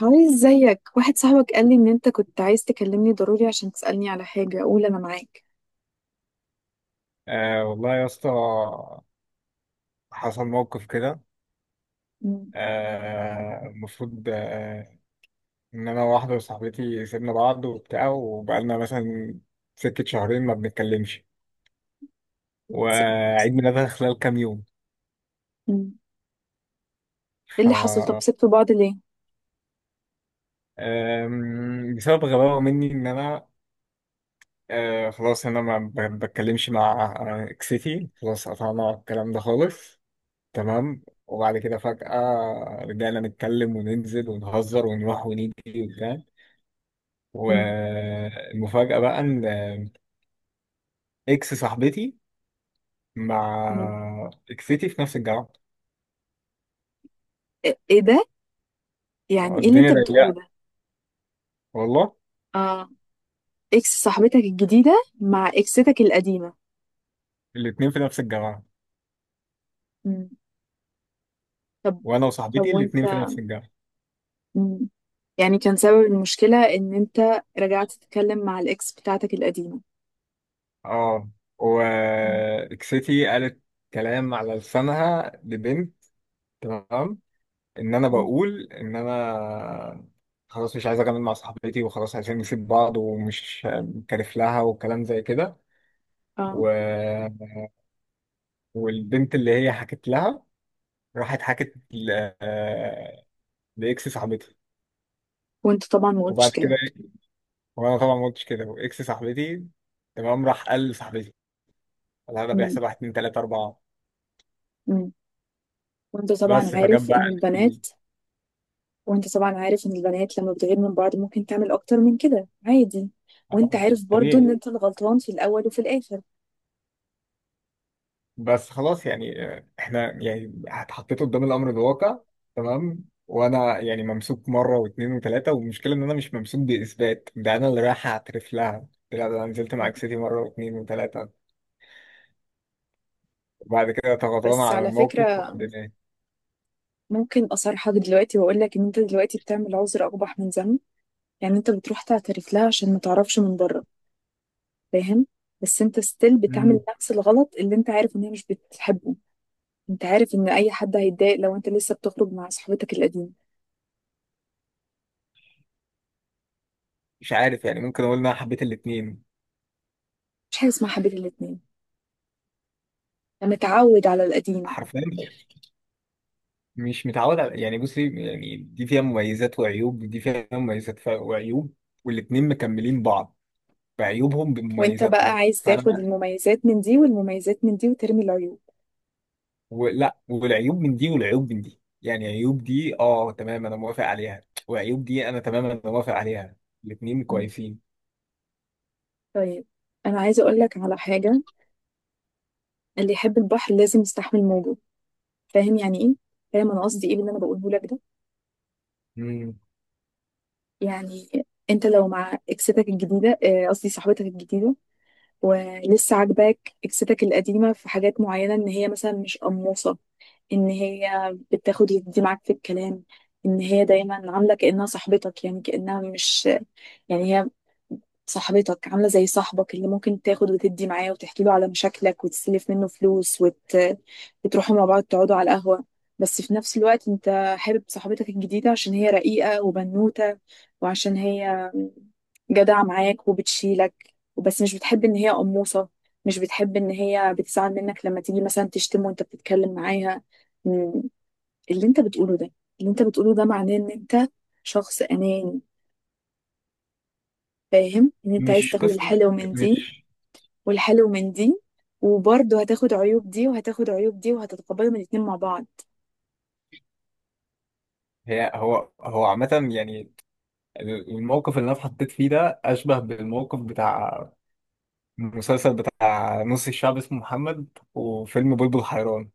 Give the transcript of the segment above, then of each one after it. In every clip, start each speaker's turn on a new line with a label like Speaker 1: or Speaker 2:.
Speaker 1: هاي، ازيك؟ واحد صاحبك قال لي ان انت كنت عايز تكلمني ضروري عشان تسألني على حاجة. اقول انا معاك.
Speaker 2: آه والله يا اسطى، حصل موقف كده.
Speaker 1: مم.
Speaker 2: المفروض ان انا وواحده وصاحبتي سيبنا بعض وبتاع، وبقالنا مثلا سكه شهرين ما بنتكلمش،
Speaker 1: بس ايه اللي حصل؟
Speaker 2: وعيد ميلادها خلال كام يوم.
Speaker 1: مم. إيه
Speaker 2: ف
Speaker 1: اللي حصل؟ طب سبتوا بعض ليه؟
Speaker 2: بسبب غباوه مني ان انا خلاص. انا ما بتكلمش مع اكسيتي، خلاص قطعنا الكلام ده خالص. تمام. وبعد كده فجأة رجعنا نتكلم وننزل ونهزر ونروح ونيجي وبتاع.
Speaker 1: مم.
Speaker 2: والمفاجأة بقى إن إكس صاحبتي
Speaker 1: مم.
Speaker 2: مع إكستي في نفس الجامعة.
Speaker 1: إيه ده؟ يعني ايه اللي انت
Speaker 2: الدنيا
Speaker 1: بتقوله
Speaker 2: ضيقة
Speaker 1: ده؟
Speaker 2: والله.
Speaker 1: اه، اكس صاحبتك الجديدة مع اكستك القديمة.
Speaker 2: الاتنين في نفس الجامعة،
Speaker 1: مم. طب.
Speaker 2: وأنا
Speaker 1: طب
Speaker 2: وصاحبتي
Speaker 1: وانت.
Speaker 2: الاتنين في نفس الجامعة.
Speaker 1: مم. يعني كان سبب المشكلة ان انت رجعت تتكلم مع الاكس بتاعتك القديمة؟
Speaker 2: اه،
Speaker 1: مم.
Speaker 2: وإكستي قالت كلام على لسانها لبنت، تمام، إن أنا
Speaker 1: مم.
Speaker 2: بقول إن أنا خلاص مش عايز أكمل مع صاحبتي، وخلاص عايزين نسيب بعض، ومش كارف لها وكلام زي كده.
Speaker 1: اه.
Speaker 2: و... والبنت اللي هي حكت لها راحت حكت ل- آه، لاكس صاحبتي.
Speaker 1: وانت طبعا ما قلتش
Speaker 2: وبعد
Speaker 1: كده.
Speaker 2: كده، وانا طبعا ما قلتش كده. واكس صاحبتي، تمام، راح قال لصاحبتي والله ده
Speaker 1: مم.
Speaker 2: بيحصل. واحد، اتنين، تلاته، اربعه.
Speaker 1: مم. وانت طبعا
Speaker 2: بس فجاب
Speaker 1: عارف
Speaker 2: بقى
Speaker 1: ان
Speaker 2: ال-
Speaker 1: البنات وانت طبعا عارف ان البنات لما بتغير من بعض ممكن تعمل اكتر من كده عادي. وانت عارف برضو ان
Speaker 2: طبيعي.
Speaker 1: انت الغلطان في الاول وفي الاخر.
Speaker 2: بس خلاص، يعني احنا يعني اتحطيت قدام الامر الواقع، تمام. وانا يعني ممسوك مره واثنين وثلاثه، والمشكله ان انا مش ممسوك باثبات. ده انا اللي رايح اعترف لها، قلت لها ده انا نزلت مع اكستي مره واثنين وثلاثه. وبعد كده تغاضانا
Speaker 1: بس
Speaker 2: عن
Speaker 1: على
Speaker 2: الموقف
Speaker 1: فكرة،
Speaker 2: وقدمناه.
Speaker 1: ممكن اصارحك دلوقتي واقول لك ان انت دلوقتي بتعمل عذر اقبح من ذنب. يعني انت بتروح تعترف لها عشان ما تعرفش من بره، فاهم؟ بس انت ستيل بتعمل نفس الغلط اللي انت عارف ان هي مش بتحبه. انت عارف ان اي حد هيتضايق لو انت لسه بتخرج مع صاحبتك القديمة.
Speaker 2: مش عارف، يعني ممكن اقول ان انا حبيت الاتنين
Speaker 1: مش حاجة اسمها حبيب الاتنين. انا متعود على القديمة.
Speaker 2: حرفيا. مش متعود على، يعني بصي، يعني دي فيها مميزات وعيوب، دي فيها مميزات وعيوب. والاتنين مكملين بعض، بعيوبهم
Speaker 1: وانت بقى
Speaker 2: بمميزاتهم.
Speaker 1: عايز
Speaker 2: فانا
Speaker 1: تاخد المميزات من دي والمميزات من دي وترمي العيوب.
Speaker 2: ولا، والعيوب من دي والعيوب من دي. يعني عيوب دي اه تمام انا موافق عليها، وعيوب دي انا تمام انا موافق عليها. الاتنين
Speaker 1: مم.
Speaker 2: كويسين.
Speaker 1: طيب، انا عايزه اقول لك على حاجه. اللي يحب البحر لازم يستحمل موجه. فاهم يعني ايه؟ فاهم انا قصدي ايه باللي انا بقوله لك ده؟
Speaker 2: مم.
Speaker 1: يعني انت لو مع اكستك الجديده، قصدي صاحبتك الجديده، ولسه عاجباك اكستك القديمه في حاجات معينه، ان هي مثلا مش قموصه، ان هي بتاخد وتدي معاك في الكلام، ان هي دايما عامله كانها صاحبتك، يعني كانها مش. يعني هي، صاحبتك عاملة زي صاحبك اللي ممكن تاخد وتدي معاه وتحكي له على مشاكلك وتسلف منه فلوس وت... وتروحوا مع بعض تقعدوا على القهوة. بس في نفس الوقت انت حابب صاحبتك الجديدة عشان هي رقيقة وبنوتة، وعشان هي جدعة معاك وبتشيلك، وبس مش بتحب ان هي قموصة، مش بتحب ان هي بتزعل منك لما تيجي مثلا تشتم وانت بتتكلم معاها. م، اللي انت بتقوله ده، اللي انت بتقوله ده معناه ان انت شخص اناني. فاهم ان انت عايز
Speaker 2: مش
Speaker 1: تاخد
Speaker 2: قصة،
Speaker 1: الحلو من دي
Speaker 2: مش
Speaker 1: والحلو من دي، وبرضه هتاخد عيوب دي وهتاخد عيوب دي وهتتقبلهم الاتنين مع بعض.
Speaker 2: هي. هو عامة، يعني الموقف اللي انا اتحطيت فيه ده اشبه بالموقف بتاع المسلسل بتاع نص الشعب اسمه محمد، وفيلم بلبل حيران.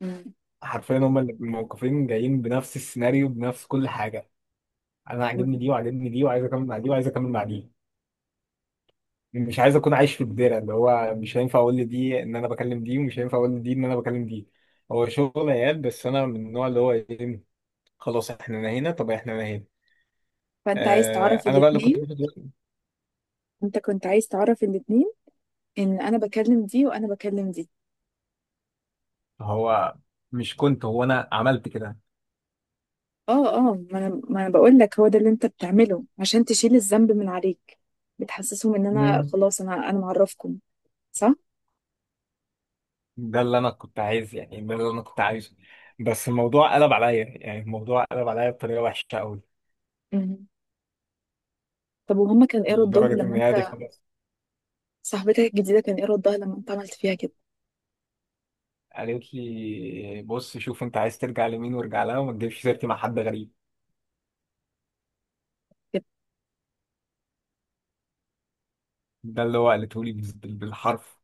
Speaker 1: مم.
Speaker 2: حرفيا هما اللي الموقفين جايين بنفس السيناريو، بنفس كل حاجة. أنا عاجبني دي وعاجبني دي، وعايز أكمل مع دي وعايز أكمل مع دي. مش عايز أكون عايش في الدايرة اللي هو مش هينفع أقول لدي إن أنا بكلم دي، ومش هينفع أقول لدي إن أنا بكلم دي. هو شغل عيال، بس أنا من النوع اللي هو إيه، خلاص إحنا نهينا، طب إحنا نهينا.
Speaker 1: فانت عايز تعرف
Speaker 2: أنا بقى اللي
Speaker 1: الاتنين. انت كنت عايز تعرف الاتنين، ان انا بكلم دي وانا بكلم دي.
Speaker 2: هو مش كنت، هو أنا عملت
Speaker 1: اه، اه، ما انا بقول لك هو ده اللي انت بتعمله عشان تشيل الذنب من عليك. بتحسسهم ان انا
Speaker 2: كده.
Speaker 1: خلاص، انا معرفكم. صح.
Speaker 2: ده اللي انا كنت عايز، يعني ده اللي انا كنت عايزه. بس الموضوع قلب عليا، يعني الموضوع قلب عليا بطريقه وحشه قوي.
Speaker 1: مم. طب وهما كان ايه ردهم
Speaker 2: لدرجه ان
Speaker 1: لما
Speaker 2: هي دي
Speaker 1: انت.
Speaker 2: خلاص.
Speaker 1: صاحبتك الجديده كان ايه ردها لما انت عملت فيها كده؟
Speaker 2: قالت لي بص، شوف انت عايز ترجع لمين وارجع لها، وما تجيبش سيرتي مع حد غريب.
Speaker 1: كده.
Speaker 2: ده اللي هو قالته لي بالحرف.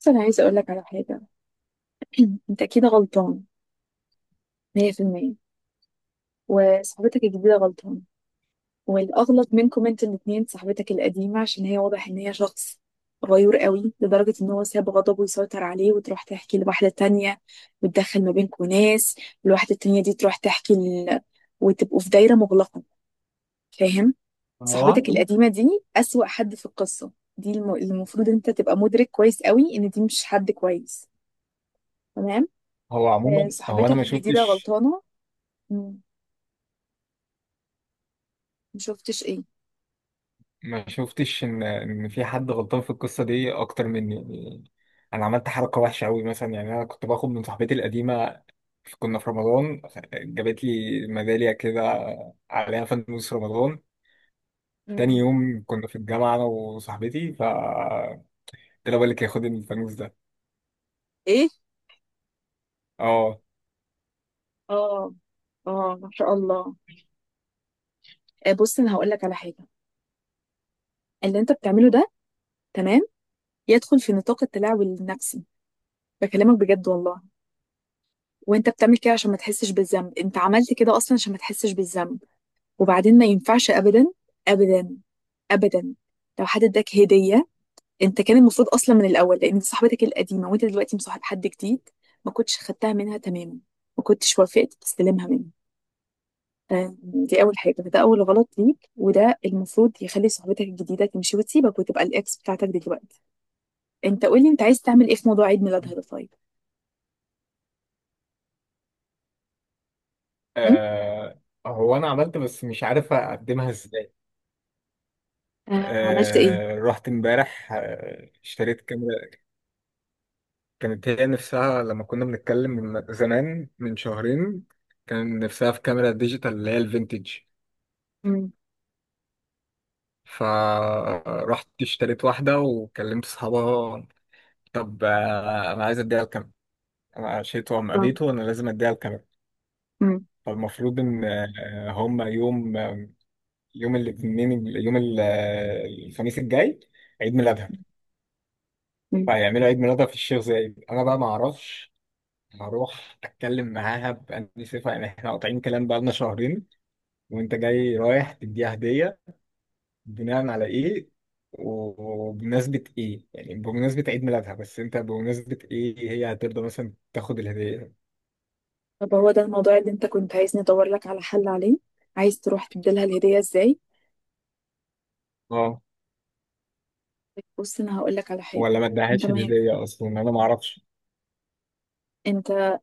Speaker 1: بس انا عايزه اقول لك على حاجه. انت اكيد غلطان 100%. وصاحبتك الجديدة غلطانة. والأغلط منكم انتوا الاتنين صاحبتك القديمة، عشان هي واضح إن هي شخص غيور قوي لدرجة إن هو ساب غضبه يسيطر عليه وتروح تحكي لواحدة تانية، وتدخل ما بينكم ناس. الواحدة التانية دي تروح تحكي ل... وتبقوا في دايرة مغلقة. فاهم؟
Speaker 2: هو
Speaker 1: صاحبتك القديمة دي أسوأ حد في القصة. دي الم... المفروض أنت تبقى مدرك كويس قوي إن دي مش حد كويس. تمام؟
Speaker 2: هو عموما،
Speaker 1: آه،
Speaker 2: هو انا
Speaker 1: صاحبتك الجديدة غلطانة. مم. مشوفتش إيه؟
Speaker 2: ما شفتش ان في حد غلطان في القصه دي اكتر مني، يعني. انا عملت حركه وحشه قوي، مثلا يعني انا كنت باخد من صاحبتي القديمه. كنا في رمضان، جابت لي ميداليه كده عليها فانوس رمضان. تاني
Speaker 1: مم.
Speaker 2: يوم كنا في الجامعه انا وصاحبتي، قلت لها بقول لك خد الفانوس ده.
Speaker 1: ايه.
Speaker 2: اه.
Speaker 1: اه. اه، ما شاء الله. آه، بص انا هقول لك على حاجه. اللي انت بتعمله ده، تمام، يدخل في نطاق التلاعب النفسي. بكلمك بجد والله. وانت بتعمل كده عشان ما تحسش بالذنب، انت عملت كده اصلا عشان ما تحسش بالذنب. وبعدين ما ينفعش ابدا، ابدا، ابدا، لو حد اداك هديه. انت كان المفروض اصلا من الاول، لان دي صاحبتك القديمه وانت دلوقتي مصاحب حد جديد، ما كنتش خدتها منها تماما. ما كنتش وافقت تستلمها منه. آه، دي اول حاجه، فده اول غلط ليك، وده المفروض يخلي صاحبتك الجديده تمشي وتسيبك وتبقى الاكس بتاعتك دلوقتي. انت قولي انت عايز تعمل ايه في موضوع عيد ميلادها ده؟ طيب. م؟
Speaker 2: آه، هو انا عملت، بس مش عارف اقدمها ازاي.
Speaker 1: آه. عملت ايه؟
Speaker 2: رحت امبارح اشتريت كاميرا. كانت هي نفسها لما كنا بنتكلم من زمان من شهرين، كان نفسها في كاميرا ديجيتال اللي هي الفينتج.
Speaker 1: م.
Speaker 2: فرحت اشتريت واحدة وكلمت صحابها. طب أنا عايز أديها الكاميرا. أنا عشيت وأم
Speaker 1: آه.
Speaker 2: قابيته، وأنا لازم أديها الكاميرا.
Speaker 1: م.
Speaker 2: فالمفروض إن هما يوم آه، يوم الاثنين يوم ال- آه، الخميس الجاي عيد ميلادها.
Speaker 1: م.
Speaker 2: فهيعملوا عيد ميلادها في الشيخ زايد. أنا بقى معرفش. هروح اتكلم معاها باني صفه؟ يعني احنا قاطعين كلام بقالنا شهرين، وانت جاي رايح تديها هدية؟ بناء على ايه؟ وبمناسبة ايه؟ يعني بمناسبة عيد ميلادها، بس انت بمناسبة ايه؟ هي هترضى مثلا تاخد الهدية؟
Speaker 1: طب هو ده الموضوع اللي انت كنت عايزني ادور لك على حل عليه؟ عايز تروح تديلها الهديه ازاي؟
Speaker 2: اه،
Speaker 1: بص انا هقول لك على حاجه.
Speaker 2: ولا ما
Speaker 1: انت
Speaker 2: ادهاش
Speaker 1: ما ينفع-
Speaker 2: الهدية اصلا؟ انا ما اعرفش.
Speaker 1: انت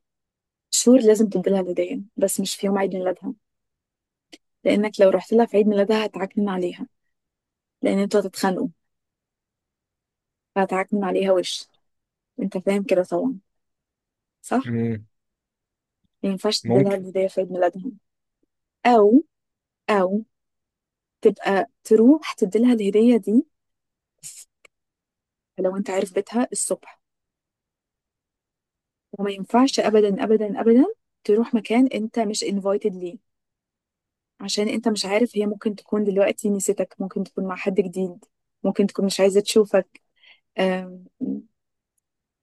Speaker 1: شهور لازم تديلها الهديه، بس مش في يوم عيد ميلادها. لانك لو رحت لها في عيد ميلادها هتعكنن عليها. لان انتوا هتتخانقوا، فهتعكنن عليها وش. انت فاهم كده طبعا، صح؟
Speaker 2: مم،
Speaker 1: ما ينفعش تديلها
Speaker 2: ممكن.
Speaker 1: الهدية في عيد ميلادها. أو أو تبقى تروح تديلها الهدية دي لو أنت عارف بيتها الصبح. وما ينفعش أبدا، أبدا، أبدا تروح مكان أنت مش invited ليه، عشان أنت مش عارف، هي ممكن تكون دلوقتي نسيتك، ممكن تكون مع حد جديد، ممكن تكون مش عايزة تشوفك. أم،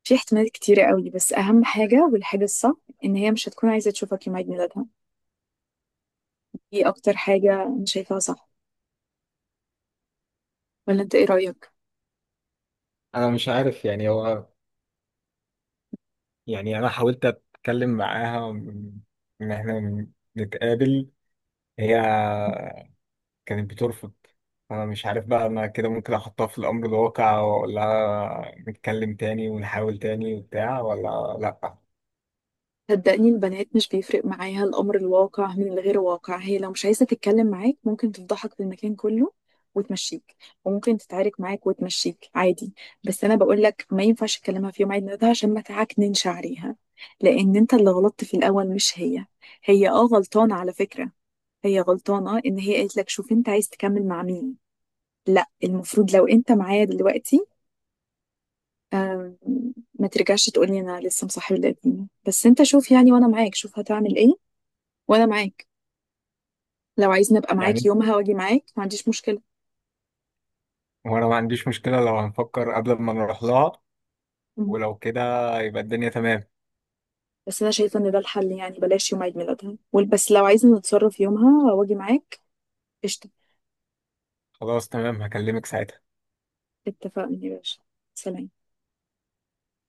Speaker 1: في احتمالات كتيرة قوي، بس أهم حاجة والحاجة الصح إن هي مش هتكون عايزة تشوفك يوم عيد ميلادها. دي أكتر حاجة أنا شايفاها صح. ولا أنت إيه رأيك؟
Speaker 2: انا مش عارف، يعني يعني انا حاولت اتكلم معاها ان احنا نتقابل، هي كانت بترفض. انا مش عارف بقى، انا كده ممكن احطها في الامر الواقع، ولا نتكلم تاني ونحاول تاني وبتاع، ولا لا؟
Speaker 1: صدقني البنات مش بيفرق معاها الأمر الواقع من الغير واقع. هي لو مش عايزة تتكلم معاك ممكن تفضحك في المكان كله وتمشيك، وممكن تتعارك معاك وتمشيك عادي. بس أنا بقول لك ما ينفعش تكلمها في يوم عيد ميلادها عشان ما تعكننش عليها، لأن أنت اللي غلطت في الأول مش هي. هي أه غلطانة على فكرة، هي غلطانة إن هي قالت لك شوف أنت عايز تكمل مع مين. لا، المفروض لو أنت معايا دلوقتي، آم، ما ترجعش تقولي أنا لسه مصاحب القديم، بس أنت شوف يعني. وأنا معاك شوف هتعمل إيه. وانا معاك، لو عايزني ابقى معاك
Speaker 2: يعني
Speaker 1: يومها واجي معاك ما عنديش مشكله.
Speaker 2: وانا ما عنديش مشكلة لو هنفكر قبل ما نروح لها.
Speaker 1: مهم.
Speaker 2: ولو كده يبقى الدنيا تمام.
Speaker 1: بس انا شايفه ان ده الحل، يعني بلاش يوم عيد ميلادها وال- بس لو عايزه نتصرف يومها واجي معاك. قشطه.
Speaker 2: خلاص تمام، هكلمك ساعتها.
Speaker 1: اتفقنا يا باشا. سلام.